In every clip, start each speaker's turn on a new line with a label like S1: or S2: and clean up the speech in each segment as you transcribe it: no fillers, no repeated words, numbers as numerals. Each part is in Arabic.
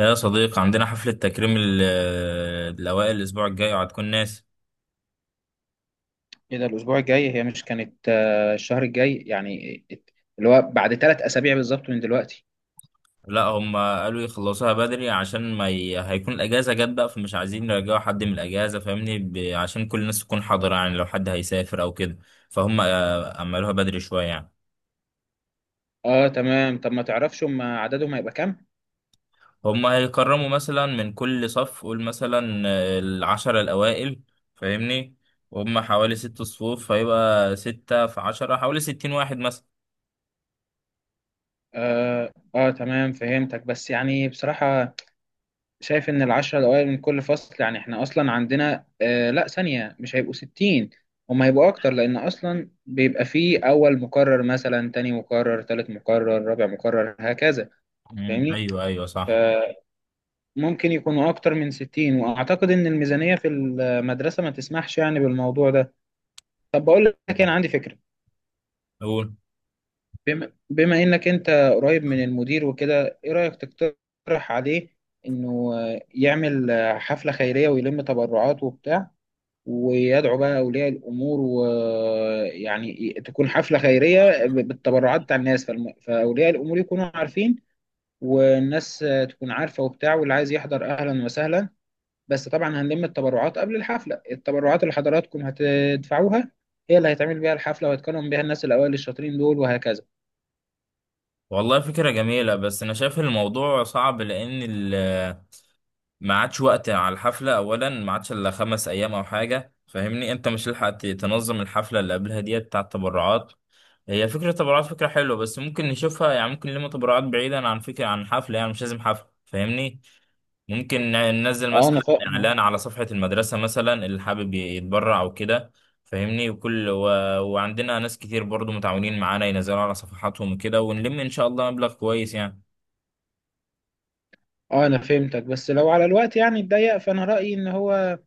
S1: يا صديقي، عندنا حفلة تكريم الأوائل الأسبوع الجاي وهتكون ناس.
S2: ايه ده؟ الاسبوع الجاي؟ هي مش كانت الشهر الجاي يعني، اللي هو بعد 3 اسابيع بالظبط من دلوقتي.
S1: لا، هم قالوا يخلصوها بدري عشان ما ي... هيكون الأجازة جت بقى، فمش عايزين يرجعوا حد من الأجازة. فاهمني؟ عشان كل الناس تكون حاضرة، يعني لو حد هيسافر أو كده. فهم عملوها بدري شوية يعني.
S2: اه، تمام. طب ما تعرفش هم عددهم هيبقى كام؟
S1: هم هيكرموا مثلا من كل صف، قول مثلا العشرة الأوائل. فاهمني؟ وهم حوالي ست صفوف، فيبقى ستة في عشرة حوالي ستين واحد مثلا.
S2: اه تمام، فهمتك. بس يعني بصراحة شايف ان العشرة الاوائل من كل فصل، يعني احنا اصلا عندنا لا، ثانية مش هيبقوا 60، هم هيبقوا اكتر، لان اصلا بيبقى فيه اول مقرر مثلا، تاني مقرر، تالت مقرر، رابع مقرر، هكذا.
S1: مم،
S2: فاهمني؟
S1: أيوه أيوه صح.
S2: ممكن يكونوا أكتر من 60، وأعتقد إن الميزانية في المدرسة ما تسمحش يعني بالموضوع ده. طب بقول لك إيه، أنا
S1: مم.
S2: عندي فكرة.
S1: قول.
S2: بما إنك أنت قريب من المدير وكده، إيه رأيك تقترح عليه إنه يعمل حفلة خيرية ويلم تبرعات وبتاع، ويدعو بقى أولياء الأمور، ويعني تكون حفلة خيرية بالتبرعات بتاع الناس، فأولياء الأمور يكونوا عارفين، والناس تكون عارفة وبتاع، واللي عايز يحضر أهلا وسهلا. بس طبعا هنلم التبرعات قبل الحفلة، التبرعات اللي حضراتكم هتدفعوها هي اللي هيتعمل بيها الحفلة، وهيتكرم بيها الناس الأوائل الشاطرين دول وهكذا.
S1: والله فكرة جميلة، بس أنا شايف الموضوع صعب لأن ما عادش وقت على الحفلة. أولا ما عادش إلا خمس أيام أو حاجة، فاهمني؟ أنت مش هتلحق تنظم الحفلة اللي قبلها ديت بتاع التبرعات. هي فكرة التبرعات فكرة حلوة، بس ممكن نشوفها يعني. ممكن لما تبرعات بعيدا عن فكرة عن حفلة، يعني مش لازم حفلة، فاهمني؟ ممكن ننزل
S2: اه، انا
S1: مثلا
S2: فاهم.
S1: إعلان على صفحة المدرسة مثلا، اللي حابب يتبرع أو كده. فاهمني؟ وعندنا ناس كتير برضو متعاونين معانا، ينزلوا على صفحاتهم وكده، ونلم إن شاء الله مبلغ كويس يعني.
S2: اه انا فهمتك، بس لو على الوقت يعني اتضيق، فانا رأيي ان هو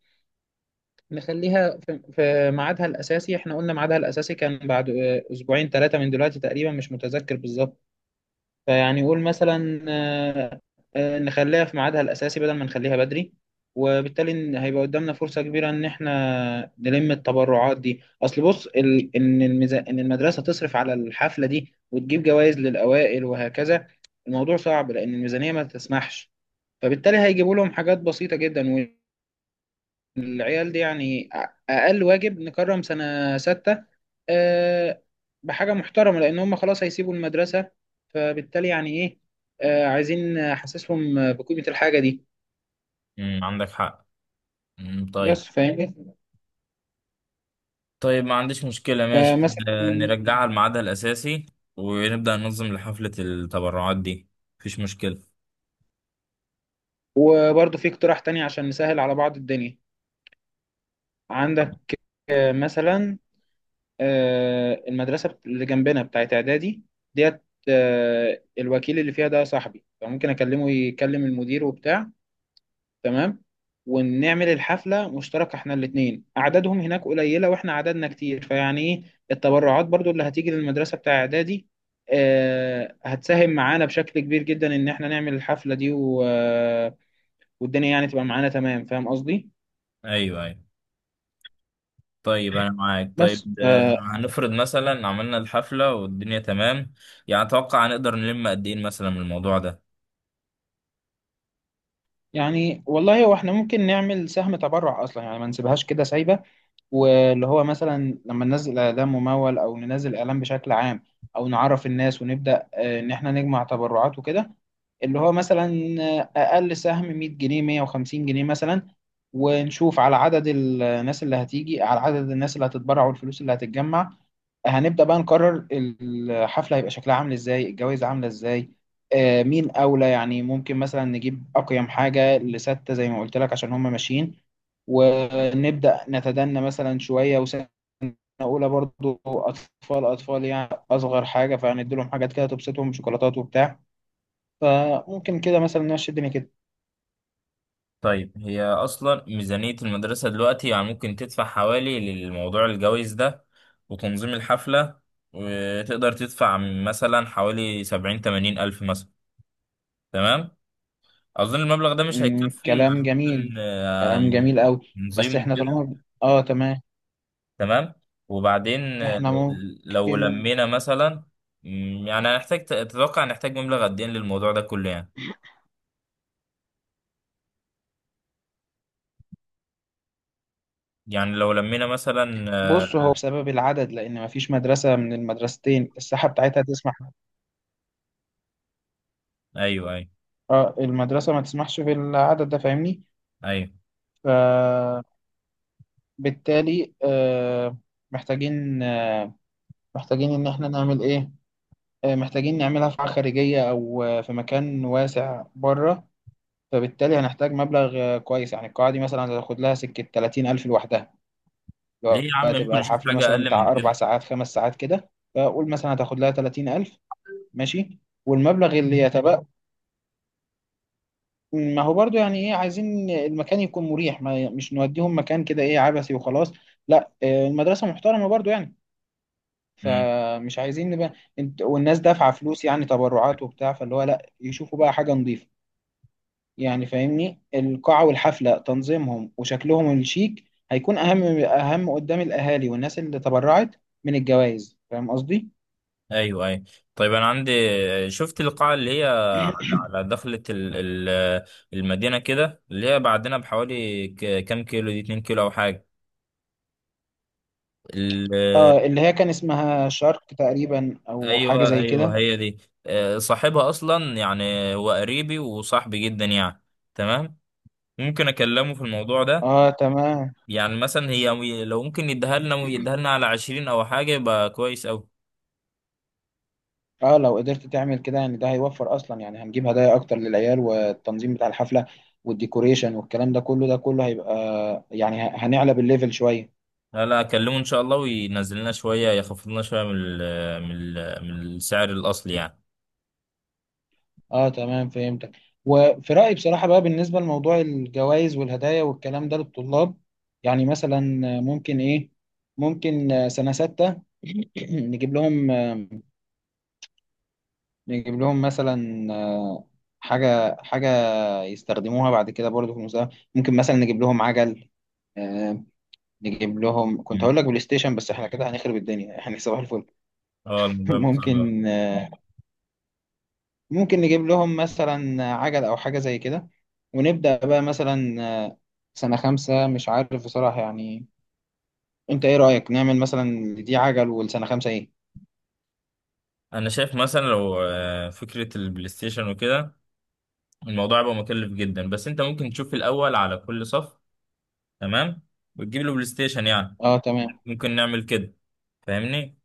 S2: نخليها في ميعادها الأساسي. احنا قلنا ميعادها الأساسي كان بعد اسبوعين 3 من دلوقتي تقريبا، مش متذكر بالظبط. فيعني قول مثلا، نخليها في ميعادها الأساسي بدل ما نخليها بدري. وبالتالي هيبقى قدامنا فرصة كبيرة إن إحنا نلم التبرعات دي، أصل بص إن إن المدرسة تصرف على الحفلة دي وتجيب جوائز للأوائل وهكذا، الموضوع صعب لأن الميزانية ما تسمحش، فبالتالي هيجيبوا لهم حاجات بسيطة جدا. العيال دي يعني أقل واجب نكرم سنة ستة آه، بحاجة محترمة، لأن هم خلاص هيسيبوا المدرسة. فبالتالي يعني إيه، عايزين أحسسهم بقيمة الحاجة دي.
S1: امم، عندك حق. امم،
S2: بس
S1: طيب.
S2: فاهمني.
S1: طيب، ما عنديش مشكلة، ماشي.
S2: فمثلا،
S1: نرجعها لميعادها الأساسي ونبدأ ننظم لحفلة التبرعات دي. مفيش مشكلة.
S2: وبرضه في اقتراح تاني عشان نسهل على بعض الدنيا. عندك مثلا، المدرسة اللي جنبنا بتاعت إعدادي ديت، الوكيل اللي فيها ده صاحبي، فممكن أكلمه يكلم المدير وبتاع. تمام؟ ونعمل الحفلة مشتركة احنا الاتنين، أعدادهم هناك قليلة واحنا عددنا كتير، فيعني ايه، التبرعات برضو اللي هتيجي للمدرسة بتاع إعدادي هتساهم معانا بشكل كبير جدا إن احنا نعمل الحفلة دي و... آه، والدنيا يعني تبقى معانا. تمام، فاهم قصدي؟
S1: أيوه أيوه. طيب أنا معاك،
S2: بس
S1: طيب هنفرض مثلا عملنا الحفلة والدنيا تمام، يعني أتوقع هنقدر نلم قد إيه مثلا من الموضوع ده؟
S2: يعني والله هو احنا ممكن نعمل سهم تبرع أصلا، يعني ما نسيبهاش كده سايبة. واللي هو مثلا لما ننزل اعلان ممول، او ننزل اعلان بشكل عام، او نعرف الناس ونبدا ان احنا نجمع تبرعات وكده. اللي هو مثلا اقل سهم 100 جنيه، 150 جنيه مثلا. ونشوف على عدد الناس اللي هتيجي، على عدد الناس اللي هتتبرع، والفلوس اللي هتتجمع هنبدأ بقى نقرر الحفلة هيبقى شكلها عامل ازاي، الجوائز عاملة ازاي، مين أولى. يعني ممكن مثلا نجيب أقيم حاجة لستة زي ما قلت لك، عشان هم ماشيين. ونبدأ نتدنى مثلا شوية، وسنة أولى برضو أطفال أطفال، يعني أصغر حاجة، فهندي لهم حاجات كده تبسطهم، شوكولاتات وبتاع. فممكن كده مثلا نمشي الدنيا كده.
S1: طيب، هي أصلا ميزانية المدرسة دلوقتي يعني ممكن تدفع حوالي للموضوع الجوائز ده وتنظيم الحفلة، وتقدر تدفع مثلا حوالي سبعين تمانين ألف مثلا. تمام. اظن المبلغ ده مش هيكفي يعني.
S2: كلام
S1: ممكن
S2: جميل، كلام جميل أوي. بس
S1: تنظيم
S2: احنا
S1: كده.
S2: طالما، اه تمام،
S1: تمام، وبعدين
S2: احنا
S1: لو
S2: ممكن.
S1: لمينا مثلا، مم، يعني هنحتاج، تتوقع نحتاج مبلغ قد ايه للموضوع ده كله يعني؟ يعني لو لمينا مثلا آه،
S2: بص هو بسبب العدد، لأن مفيش مدرسة من المدرستين الساحة بتاعتها تسمح.
S1: ايوه ايوه
S2: اه المدرسة ما تسمحش في العدد ده، فاهمني.
S1: ايوه.
S2: فبالتالي محتاجين محتاجين إن احنا نعمل إيه، محتاجين نعملها في قاعة خارجية، أو في مكان واسع بره. فبالتالي هنحتاج مبلغ كويس يعني، القاعة دي مثلا هتاخد لها سكة 30 ألف لوحدها،
S1: ليه
S2: لو
S1: يا عم؟ ممكن
S2: هتبقى
S1: نشوف
S2: الحفلة
S1: حاجه
S2: مثلا
S1: اقل من
S2: بتاع أربع
S1: كده.
S2: ساعات خمس ساعات كده. فقول مثلا هتاخد لها 30 ألف، ماشي. والمبلغ اللي يتبقى، ما هو برضو يعني ايه، عايزين المكان يكون مريح، ما مش نوديهم مكان كده ايه، عبثي وخلاص. لا، المدرسة محترمة برضو يعني،
S1: مم،
S2: فمش عايزين نبقى انت والناس دافعة فلوس يعني، تبرعات وبتاع، فاللي هو لا، يشوفوا بقى حاجة نظيفة يعني، فاهمني. القاعة والحفلة تنظيمهم وشكلهم الشيك هيكون اهم قدام الاهالي والناس اللي تبرعت من الجوائز، فاهم قصدي؟
S1: ايوه ايوه. طيب انا عندي، شفت القاعه اللي هي على، على دخله ال- المدينه كده، اللي هي بعدنا بحوالي كام كيلو، دي 2 كيلو او حاجه.
S2: اه، اللي هي كان اسمها شارك تقريبا، او حاجة
S1: ايوه
S2: زي
S1: ايوه،
S2: كده.
S1: هي دي. صاحبها اصلا يعني، هو قريبي وصاحبي جدا يعني. تمام، ممكن اكلمه في الموضوع ده.
S2: اه تمام.
S1: يعني مثلا هي لو ممكن يديها لنا، ويديها لنا على عشرين او حاجه، يبقى كويس اوي.
S2: اه لو قدرت تعمل كده يعني، ده هيوفر اصلا يعني. هنجيب هدايا اكتر للعيال، والتنظيم بتاع الحفله والديكوريشن والكلام ده كله، ده كله هيبقى يعني هنعلى الليفل شويه.
S1: لا لا، اكلمه ان شاء الله وينزل لنا شويه، يخفض لنا شويه من من السعر الاصلي يعني.
S2: اه تمام، فهمتك. وفي رايي بصراحه بقى، بالنسبه لموضوع الجوائز والهدايا والكلام ده للطلاب، يعني مثلا، ممكن ايه، ممكن سنه سته نجيب لهم نجيب لهم مثلا حاجه حاجه يستخدموها بعد كده برضه في المستقبل. ممكن مثلا نجيب لهم عجل، آه، نجيب لهم، كنت
S1: مم.
S2: هقول لك بلاي ستيشن بس احنا كده هنخرب الدنيا، احنا صباح الفل.
S1: اه، الموضوع بقى صعب أوي.
S2: ممكن، ممكن نجيب لهم مثلا عجل او حاجة زي كده. ونبدأ بقى مثلا سنة خمسة، مش عارف بصراحة يعني. انت ايه رأيك نعمل مثلا دي عجل، والسنة خمسة ايه؟
S1: انا شايف مثلا لو فكره البلاي ستيشن وكده، الموضوع هيبقى مكلف جدا، بس انت ممكن تشوف الاول على كل صف، تمام، وتجيب له بلاي ستيشن يعني.
S2: اه تمام.
S1: ممكن نعمل كده، فاهمني؟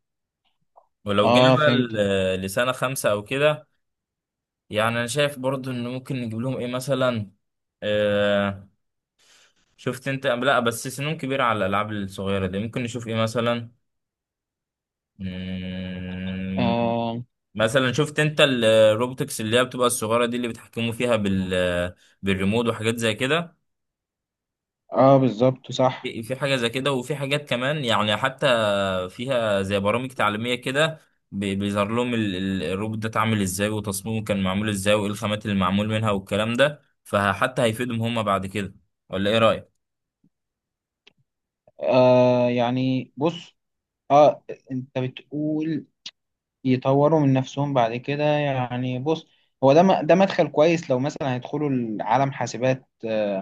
S1: ولو جينا
S2: اه،
S1: بقى
S2: فهمت.
S1: لسنة خمسة أو كده، يعني أنا شايف برضو إن ممكن نجيب لهم إيه مثلا. آه، شفت أنت؟ لا بس سنهم كبيرة على الألعاب الصغيرة دي، ممكن نشوف إيه مثلا. مم،
S2: اه,
S1: مثلا شفت أنت الروبوتكس اللي هي بتبقى الصغيرة دي، اللي بيتحكموا فيها بالريموت وحاجات زي كده.
S2: آه بالظبط، صح.
S1: في حاجة زي كده، وفي حاجات كمان يعني، حتى فيها زي برامج تعليمية كده، بيظهر لهم الروبوت ده اتعمل ازاي، وتصميمه كان معمول ازاي، وايه الخامات اللي معمول منها والكلام ده، فحتى هيفيدهم هم بعد كده. ولا ايه رأيك؟
S2: يعني بص، اه انت بتقول يطوروا من نفسهم بعد كده. يعني بص، هو ده ده مدخل كويس لو مثلا هيدخلوا العالم حاسبات،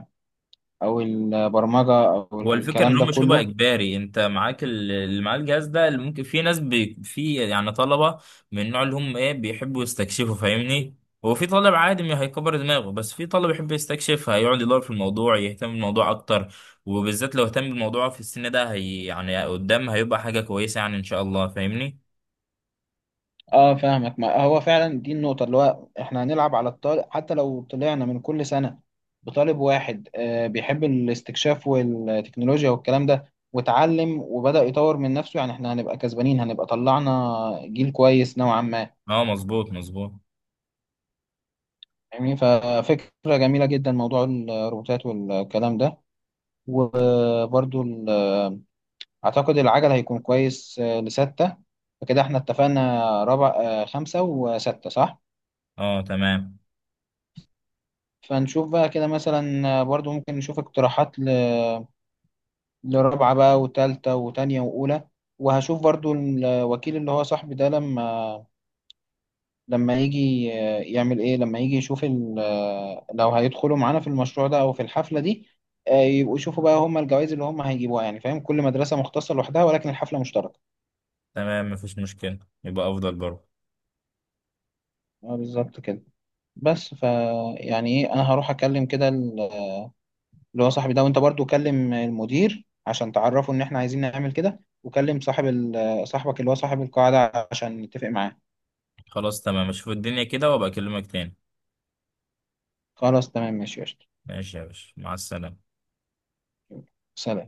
S2: او البرمجه او
S1: هو الفكرة إن
S2: الكلام ده
S1: هم شبه
S2: كله.
S1: إجباري. أنت معاك اللي معاه الجهاز ده، اللي ممكن في ناس بي في يعني طلبة من النوع اللي هم إيه، بيحبوا يستكشفوا، فاهمني؟ هو في طالب عادي ما هيكبر دماغه، بس في طالب يحب يستكشف، هيقعد يدور في الموضوع، يهتم بالموضوع أكتر، وبالذات لو اهتم بالموضوع في السن ده، هي يعني قدام هيبقى حاجة كويسة يعني إن شاء الله، فاهمني؟
S2: اه فاهمك، ما هو فعلا دي النقطه، اللي هو احنا هنلعب على الطالب، حتى لو طلعنا من كل سنه بطالب واحد بيحب الاستكشاف والتكنولوجيا والكلام ده، واتعلم وبدأ يطور من نفسه، يعني احنا هنبقى كسبانين، هنبقى طلعنا جيل كويس نوعا ما.
S1: أه مظبوط مظبوط.
S2: يعني ففكرة جميلة جدا موضوع الروبوتات والكلام ده. وبرضو اعتقد العجل هيكون كويس لستة. فكده احنا اتفقنا ربع خمسة وستة، صح؟
S1: أه تمام.
S2: فنشوف بقى كده مثلا، برضو ممكن نشوف اقتراحات لرابعة بقى وتالتة وتانية وأولى. وهشوف برضو الوكيل اللي هو صاحبي ده لما يجي يعمل ايه، لما يجي يشوف لو هيدخلوا معانا في المشروع ده او في الحفلة دي، يبقوا يشوفوا بقى هم الجوائز اللي هم هيجيبوها، يعني فاهم، كل مدرسة مختصة لوحدها، ولكن الحفلة مشتركة.
S1: تمام مفيش مشكلة، يبقى أفضل برضه.
S2: بالظبط كده. بس ف يعني ايه، انا هروح اكلم كده اللي هو صاحبي ده، وانت برضو كلم المدير عشان تعرفه ان احنا عايزين نعمل كده، وكلم صاحب صاحبك اللي هو صاحب القاعدة عشان نتفق معاه.
S1: خلاص تمام، أشوف الدنيا كده وأبقى أكلمك تاني.
S2: خلاص تمام، ماشي يا قشطة.
S1: ماشي يا باشا، مع السلامة.
S2: سلام.